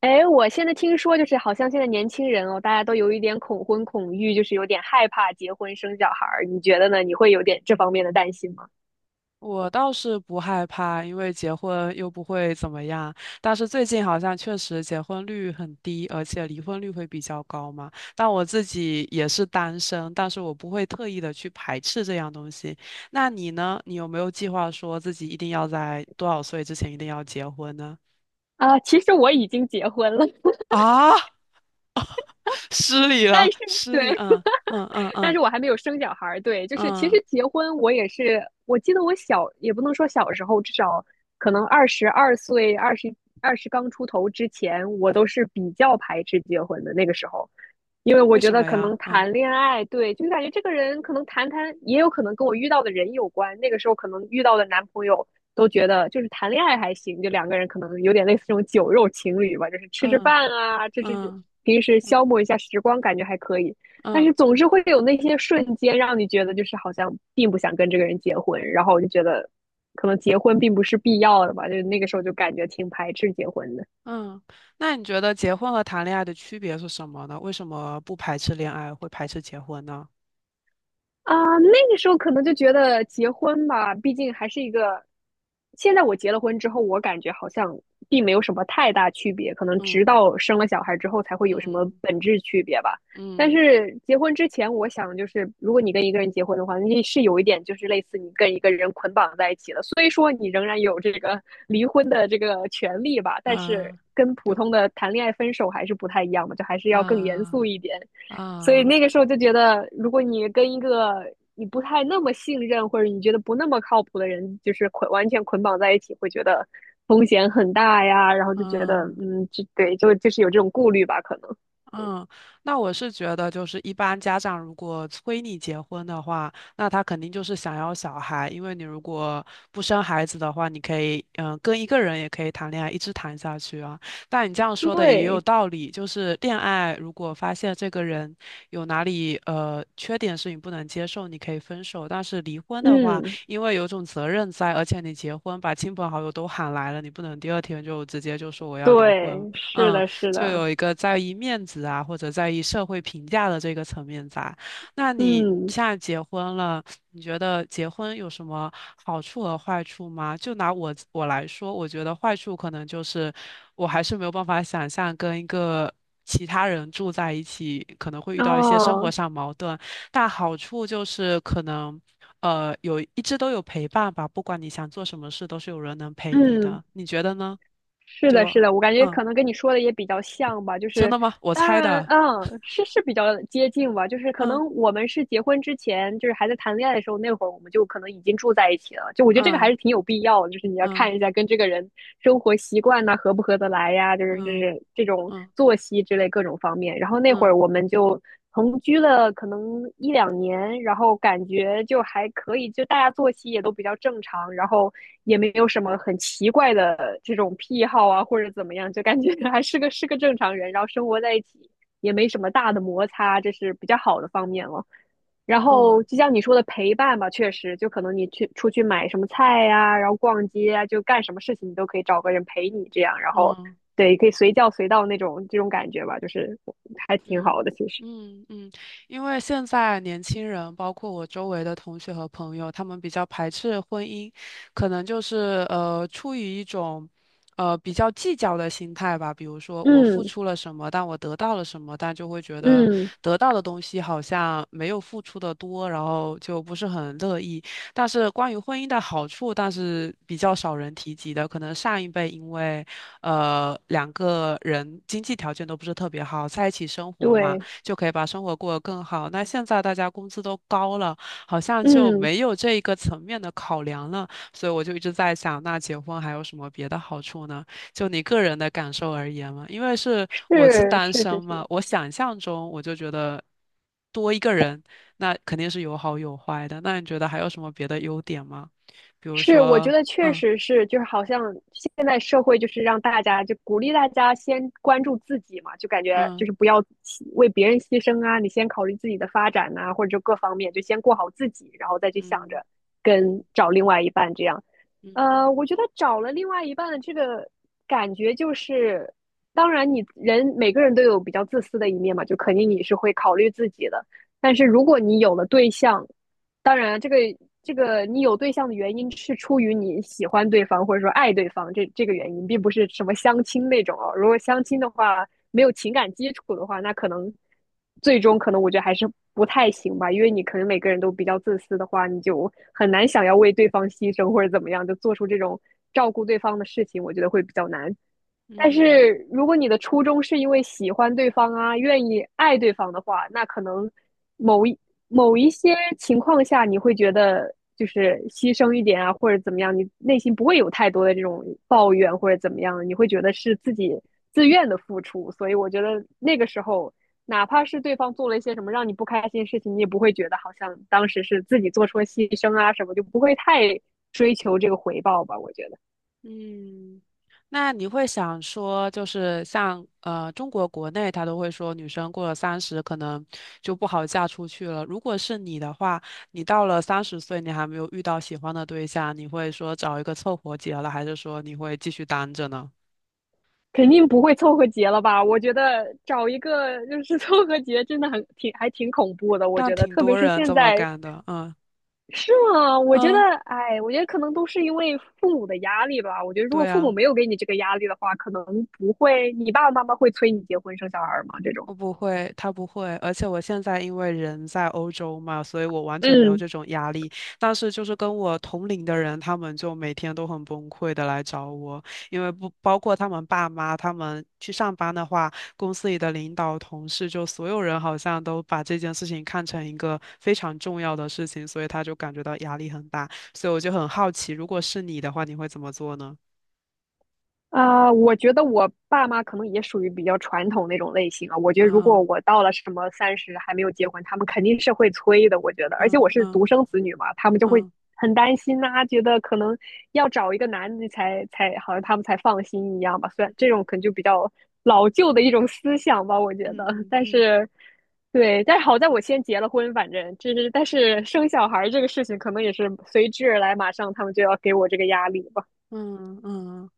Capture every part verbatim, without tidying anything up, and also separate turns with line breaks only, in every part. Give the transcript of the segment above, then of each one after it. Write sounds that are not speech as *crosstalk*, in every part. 哎，我现在听说，就是好像现在年轻人哦，大家都有一点恐婚恐育，就是有点害怕结婚生小孩儿。你觉得呢？你会有点这方面的担心吗？
我倒是不害怕，因为结婚又不会怎么样。但是最近好像确实结婚率很低，而且离婚率会比较高嘛。但我自己也是单身，但是我不会特意的去排斥这样东西。那你呢？你有没有计划说自己一定要在多少岁之前一定要结婚呢？
啊，其实我已经结婚了，
啊，*laughs* 失礼了，
但是
失礼，
对，
嗯嗯嗯
但
嗯
是我还没有生小孩儿。对，就是其
嗯，
实结婚我也是，我记得我小也不能说小时候，至少可能二十二岁、二十二十刚出头之前，我都是比较排斥结婚的那个时候，因为我
为
觉
什
得
么
可能
呀？嗯
谈恋爱，对，就是感觉这个人可能谈谈，也有可能跟我遇到的人有关。那个时候可能遇到的男朋友。都觉得就是谈恋爱还行，就两个人可能有点类似这种酒肉情侣吧，就是吃吃
嗯
饭啊，这这这，
嗯
平时消磨一下时光，感觉还可以。但
嗯。
是总是会有那些瞬间让你觉得就是好像并不想跟这个人结婚，然后我就觉得可能结婚并不是必要的吧，就那个时候就感觉挺排斥结婚的。
嗯，那你觉得结婚和谈恋爱的区别是什么呢？为什么不排斥恋爱，会排斥结婚呢？
啊，那个时候可能就觉得结婚吧，毕竟还是一个。现在我结了婚之后，我感觉好像并没有什么太大区别，可能直
嗯
到生了小孩之后才会有什么
嗯
本质区别吧。但
嗯
是结婚之前，我想就是，如果你跟一个人结婚的话，那是有一点就是类似你跟一个人捆绑在一起了，所以说你仍然有这个 *laughs* 离婚的这个权利吧，但是
啊，
跟普
就
通的谈恋爱分手还是不太一样的，就还是要更严肃
啊
一点。所以
啊
那个时候就觉得，如果你跟一个你不太那么信任，或者你觉得不那么靠谱的人，就是捆完全捆绑在一起，会觉得风险很大呀，然后就觉得，
啊。
嗯，就对，就就是有这种顾虑吧，可能。
嗯，那我是觉得，就是一般家长如果催你结婚的话，那他肯定就是想要小孩，因为你如果不生孩子的话，你可以，嗯、跟一个人也可以谈恋爱，一直谈下去啊。但你这样说的也有
对，
道理，就是恋爱如果发现这个人有哪里呃缺点是你不能接受，你可以分手。但是离婚的话，
嗯，
因为有种责任在，而且你结婚把亲朋好友都喊来了，你不能第二天就直接就说我要离婚。
对，是
嗯，
的，是
就
的，
有一个在意面子啊，或者在意社会评价的这个层面在。那你
嗯，
现在结婚了，你觉得结婚有什么好处和坏处吗？就拿我我来说，我觉得坏处可能就是我还是没有办法想象跟一个其他人住在一起，可能会遇到一些生活
哦，
上矛盾。但好处就是可能。呃，有一直都有陪伴吧，不管你想做什么事，都是有人能陪你
嗯。
的。你觉得呢？
是
就
的，是的，我感觉
嗯，
可能跟你说的也比较像吧，就
真
是
的吗？我
当
猜
然，
的。
嗯，是是比较接近吧，就是可
嗯
能我们是结婚之前，就是还在谈恋爱的时候，那会儿我们就可能已经住在一起了，就我觉得这个还
嗯
是挺有必要的就是你要
嗯
看一下跟这个人生活习惯呐、合不合得来呀，就是就
嗯
是这种
嗯
作息之类各种方面。然后那会
嗯
儿我们就同居了可能一两年，然后感觉就还可以，就大家作息也都比较正常，然后也没有什么很奇怪的这种癖好啊，或者怎么样，就感觉 *laughs* 还是个是个正常人，然后生活在一起也没什么大的摩擦，这是比较好的方面了。然后
嗯。
就像你说的陪伴吧，确实，就可能你去出去买什么菜呀、然后逛街啊，就干什么事情你都可以找个人陪你这样，然后
嗯。
对，可以随叫随到那种这种感觉吧，就是还挺好
嗯
的，其实。
嗯嗯，因为现在年轻人，包括我周围的同学和朋友，他们比较排斥婚姻，可能就是呃出于一种呃比较计较的心态吧。比如说我付
嗯
出了什么，但我得到了什么，但就会觉得
嗯，
得到的东西好像没有付出的多，然后就不是很乐意。但是关于婚姻的好处，但是比较少人提及的，可能上一辈因为。呃，两个人经济条件都不是特别好，在一起生活嘛，
对，
就可以把生活过得更好。那现在大家工资都高了，好像就
嗯，
没有这一个层面的考量了。所以我就一直在想，那结婚还有什么别的好处呢？就你个人的感受而言嘛，因为是我是
是
单
是是
身嘛，
是
我想象中我就觉得多一个人，那肯定是有好有坏的。那你觉得还有什么别的优点吗？比如
是，我觉
说，
得确
嗯
实是，就是好像现在社会就是让大家就鼓励大家先关注自己嘛，就感觉
嗯
就是不要牺为别人牺牲啊，你先考虑自己的发展呐、或者就各方面，就先过好自己，然后再去想
嗯
着跟
嗯
找另外一半这样。
嗯。
呃，我觉得找了另外一半的这个感觉就是，当然你人每个人都有比较自私的一面嘛，就肯定你是会考虑自己的。但是如果你有了对象，当然这个这个你有对象的原因是出于你喜欢对方或者说爱对方这这个原因，并不是什么相亲那种哦。如果相亲的话，没有情感基础的话，那可能最终可能我觉得还是不太行吧，因为你可能每个人都比较自私的话，你就很难想要为对方牺牲或者怎么样，就做出这种照顾对方的事情，我觉得会比较难。但
嗯
是如果你的初衷是因为喜欢对方啊，愿意爱对方的话，那可能某一某一些情况下，你会觉得就是牺牲一点啊，或者怎么样，你内心不会有太多的这种抱怨或者怎么样，你会觉得是自己自愿的付出。所以我觉得那个时候，哪怕是对方做了一些什么让你不开心的事情，你也不会觉得好像当时是自己做出了牺牲啊什么，就不会太追求这个回报吧，我觉得。
嗯，那你会想说，就是像呃中国国内，他都会说女生过了三十可能就不好嫁出去了。如果是你的话，你到了三十岁，你还没有遇到喜欢的对象，你会说找一个凑合结了，还是说你会继续单着呢？
肯定不会凑合结了吧？我觉得找一个就是凑合结，真的很挺还挺恐怖的。我
但
觉得，
挺
特别
多
是
人
现
这么
在，
干的，嗯
是吗？我觉得，
嗯，
哎，我觉得可能都是因为父母的压力吧。我觉得，如果
对
父母
啊。
没有给你这个压力的话，可能不会，你爸爸妈妈会催你结婚生小孩儿吗？这种，
我不会，他不会，而且我现在因为人在欧洲嘛，所以我完全没有
嗯。
这种压力。但是就是跟我同龄的人，他们就每天都很崩溃的来找我，因为不包括他们爸妈，他们去上班的话，公司里的领导、同事，就所有人好像都把这件事情看成一个非常重要的事情，所以他就感觉到压力很大。所以我就很好奇，如果是你的话，你会怎么做呢？
啊，我觉得我爸妈可能也属于比较传统那种类型啊。我觉得如果
嗯
我到了什么三十还没有结婚，他们肯定是会催的。我觉得，而且
嗯
我是独
嗯
生子女嘛，他们就会
嗯
很担心呐、觉得可能要找一个男的才才好像他们才放心一样吧。虽然这种可能就比较老旧的一种思想吧，我觉
嗯
得，
嗯
但
嗯
是。对，但是好在我先结了婚，反正就是，但是生小孩儿这个事情可能也是随之而来，马上他们就要给我这个压力吧。
嗯嗯嗯，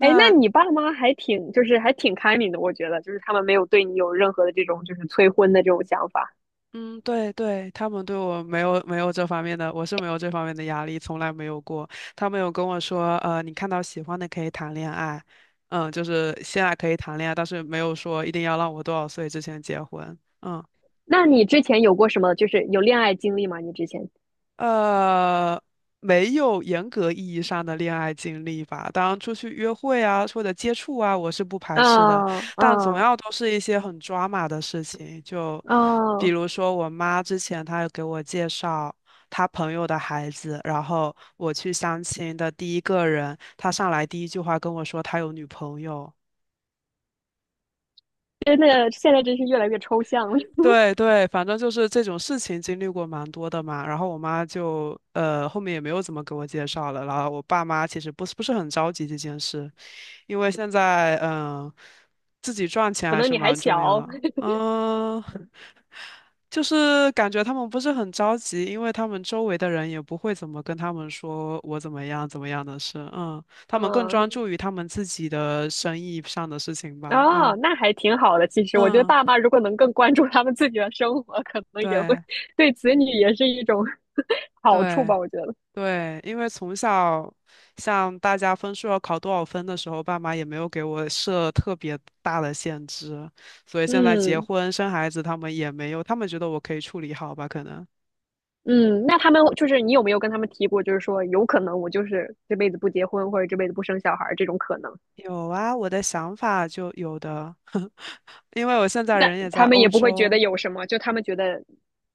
哎，那你爸妈还挺，就是还挺开明的，我觉得，就是他们没有对你有任何的这种就是催婚的这种想法。
嗯，对对，他们对我没有没有这方面的，我是没有这方面的压力，从来没有过。他们有跟我说，呃，你看到喜欢的可以谈恋爱，嗯，就是现在可以谈恋爱，但是没有说一定要让我多少岁之前结婚。嗯。
那你之前有过什么，就是有恋爱经历吗？你之前？
呃，没有严格意义上的恋爱经历吧。当然，出去约会啊，或者接触啊，我是不排斥的。
啊啊
但总要都是一些很抓马的事情，就比
啊！
如说我妈之前她有给我介绍她朋友的孩子，然后我去相亲的第一个人，他上来第一句话跟我说他有女朋友。
真的，现在真是越来越抽象了。*laughs*
对对，反正就是这种事情经历过蛮多的嘛。然后我妈就呃后面也没有怎么给我介绍了。然后我爸妈其实不是不是很着急这件事，因为现在嗯、呃自己赚钱
可
还
能
是
你还
蛮重要
小，
的。嗯、*laughs* 就是感觉他们不是很着急，因为他们周围的人也不会怎么跟他们说我怎么样怎么样的事。嗯，他们更
嗯，
专注于他们自己的生意上的事情吧。
哦，
嗯
那还挺好的。其实，我觉得
嗯，
爸妈如果能更关注他们自己的生活，可能也会
对
*laughs* 对子女也是一种 *laughs* 好处
对。
吧。我觉得，
对，因为从小像大家分数要考多少分的时候，爸妈也没有给我设特别大的限制，所以现在结
嗯。
婚生孩子，他们也没有，他们觉得我可以处理好吧？可能
嗯，那他们就是你有没有跟他们提过，就是说有可能我就是这辈子不结婚或者这辈子不生小孩儿这种可能，
有啊，我的想法就有的，*laughs* 因为我现在
但
人也在
他们
欧
也不会觉
洲，
得有什么，就他们觉得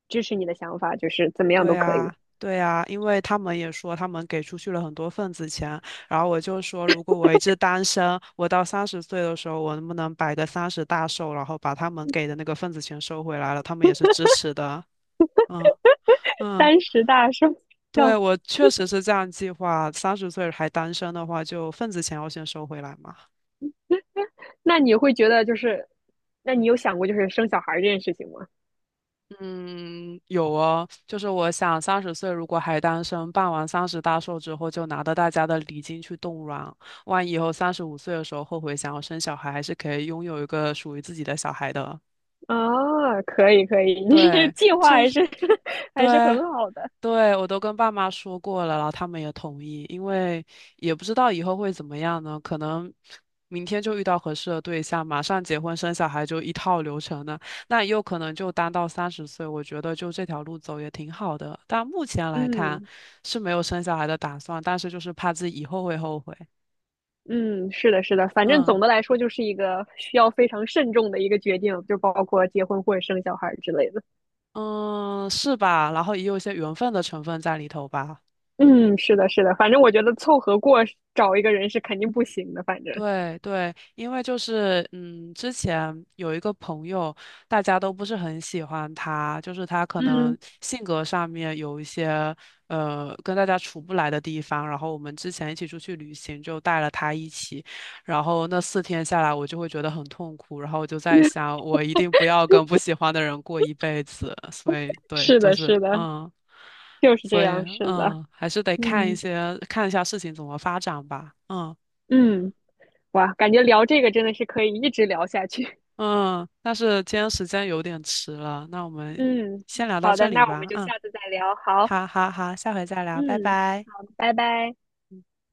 支持你的想法，就是怎么样
对
都可
啊，
以。
对啊，因为他们也说他们给出去了很多份子钱，然后我就说，如果我一直单身，我到三十岁的时候，我能不能摆个三十大寿，然后把他们给的那个份子钱收回来了？他们也是支持的。嗯嗯，
三十大生
对，
肖，
我确实是这样计划，三十岁还单身的话，就份子钱要先收回来嘛。
那你会觉得就是，那你有想过就是生小孩儿这件事情吗？
嗯，有哦，就是我想三十岁如果还单身，办完三十大寿之后，就拿着大家的礼金去冻卵，万一以后三十五岁的时候后悔想要生小孩，还是可以拥有一个属于自己的小孩的。
啊，可以可以，*laughs* 你
对，
计划
就
还是
是
*laughs* 还是
对。
很好的。
对，我都跟爸妈说过了，然后他们也同意，因为也不知道以后会怎么样呢，可能明天就遇到合适的对象，马上结婚生小孩就一套流程呢，那也有可能就单到三十岁，我觉得就这条路走也挺好的，但目前来看
嗯。
是没有生小孩的打算，但是就是怕自己以后会后悔，
嗯，是的，是的，反正
嗯
总的来说就是一个需要非常慎重的一个决定，就包括结婚或者生小孩儿之类的。
嗯，是吧？然后也有一些缘分的成分在里头吧。
嗯，是的，是的，反正我觉得凑合过找一个人是肯定不行的，反正，
对对，因为就是嗯，之前有一个朋友，大家都不是很喜欢他，就是他可能
嗯，
性格上面有一些呃跟大家处不来的地方。然后我们之前一起出去旅行，就带了他一起，然后那四天下来，我就会觉得很痛苦。然后我就在
*laughs*
想，我一定不要跟不喜欢的人过一辈子。所以对，
是
就
的，
是
是的，
嗯，
就是这
所以
样，是的，
嗯，还是得看一
嗯
些看一下事情怎么发展吧，嗯。
嗯，哇，感觉聊这个真的是可以一直聊下去。
嗯，但是今天时间有点迟了，那我
*laughs*
们
嗯，
先聊到
好
这
的，
里
那我们
吧。
就
嗯，
下次再聊，好，
好好好，下回再聊，拜
嗯，
拜。
好，拜拜。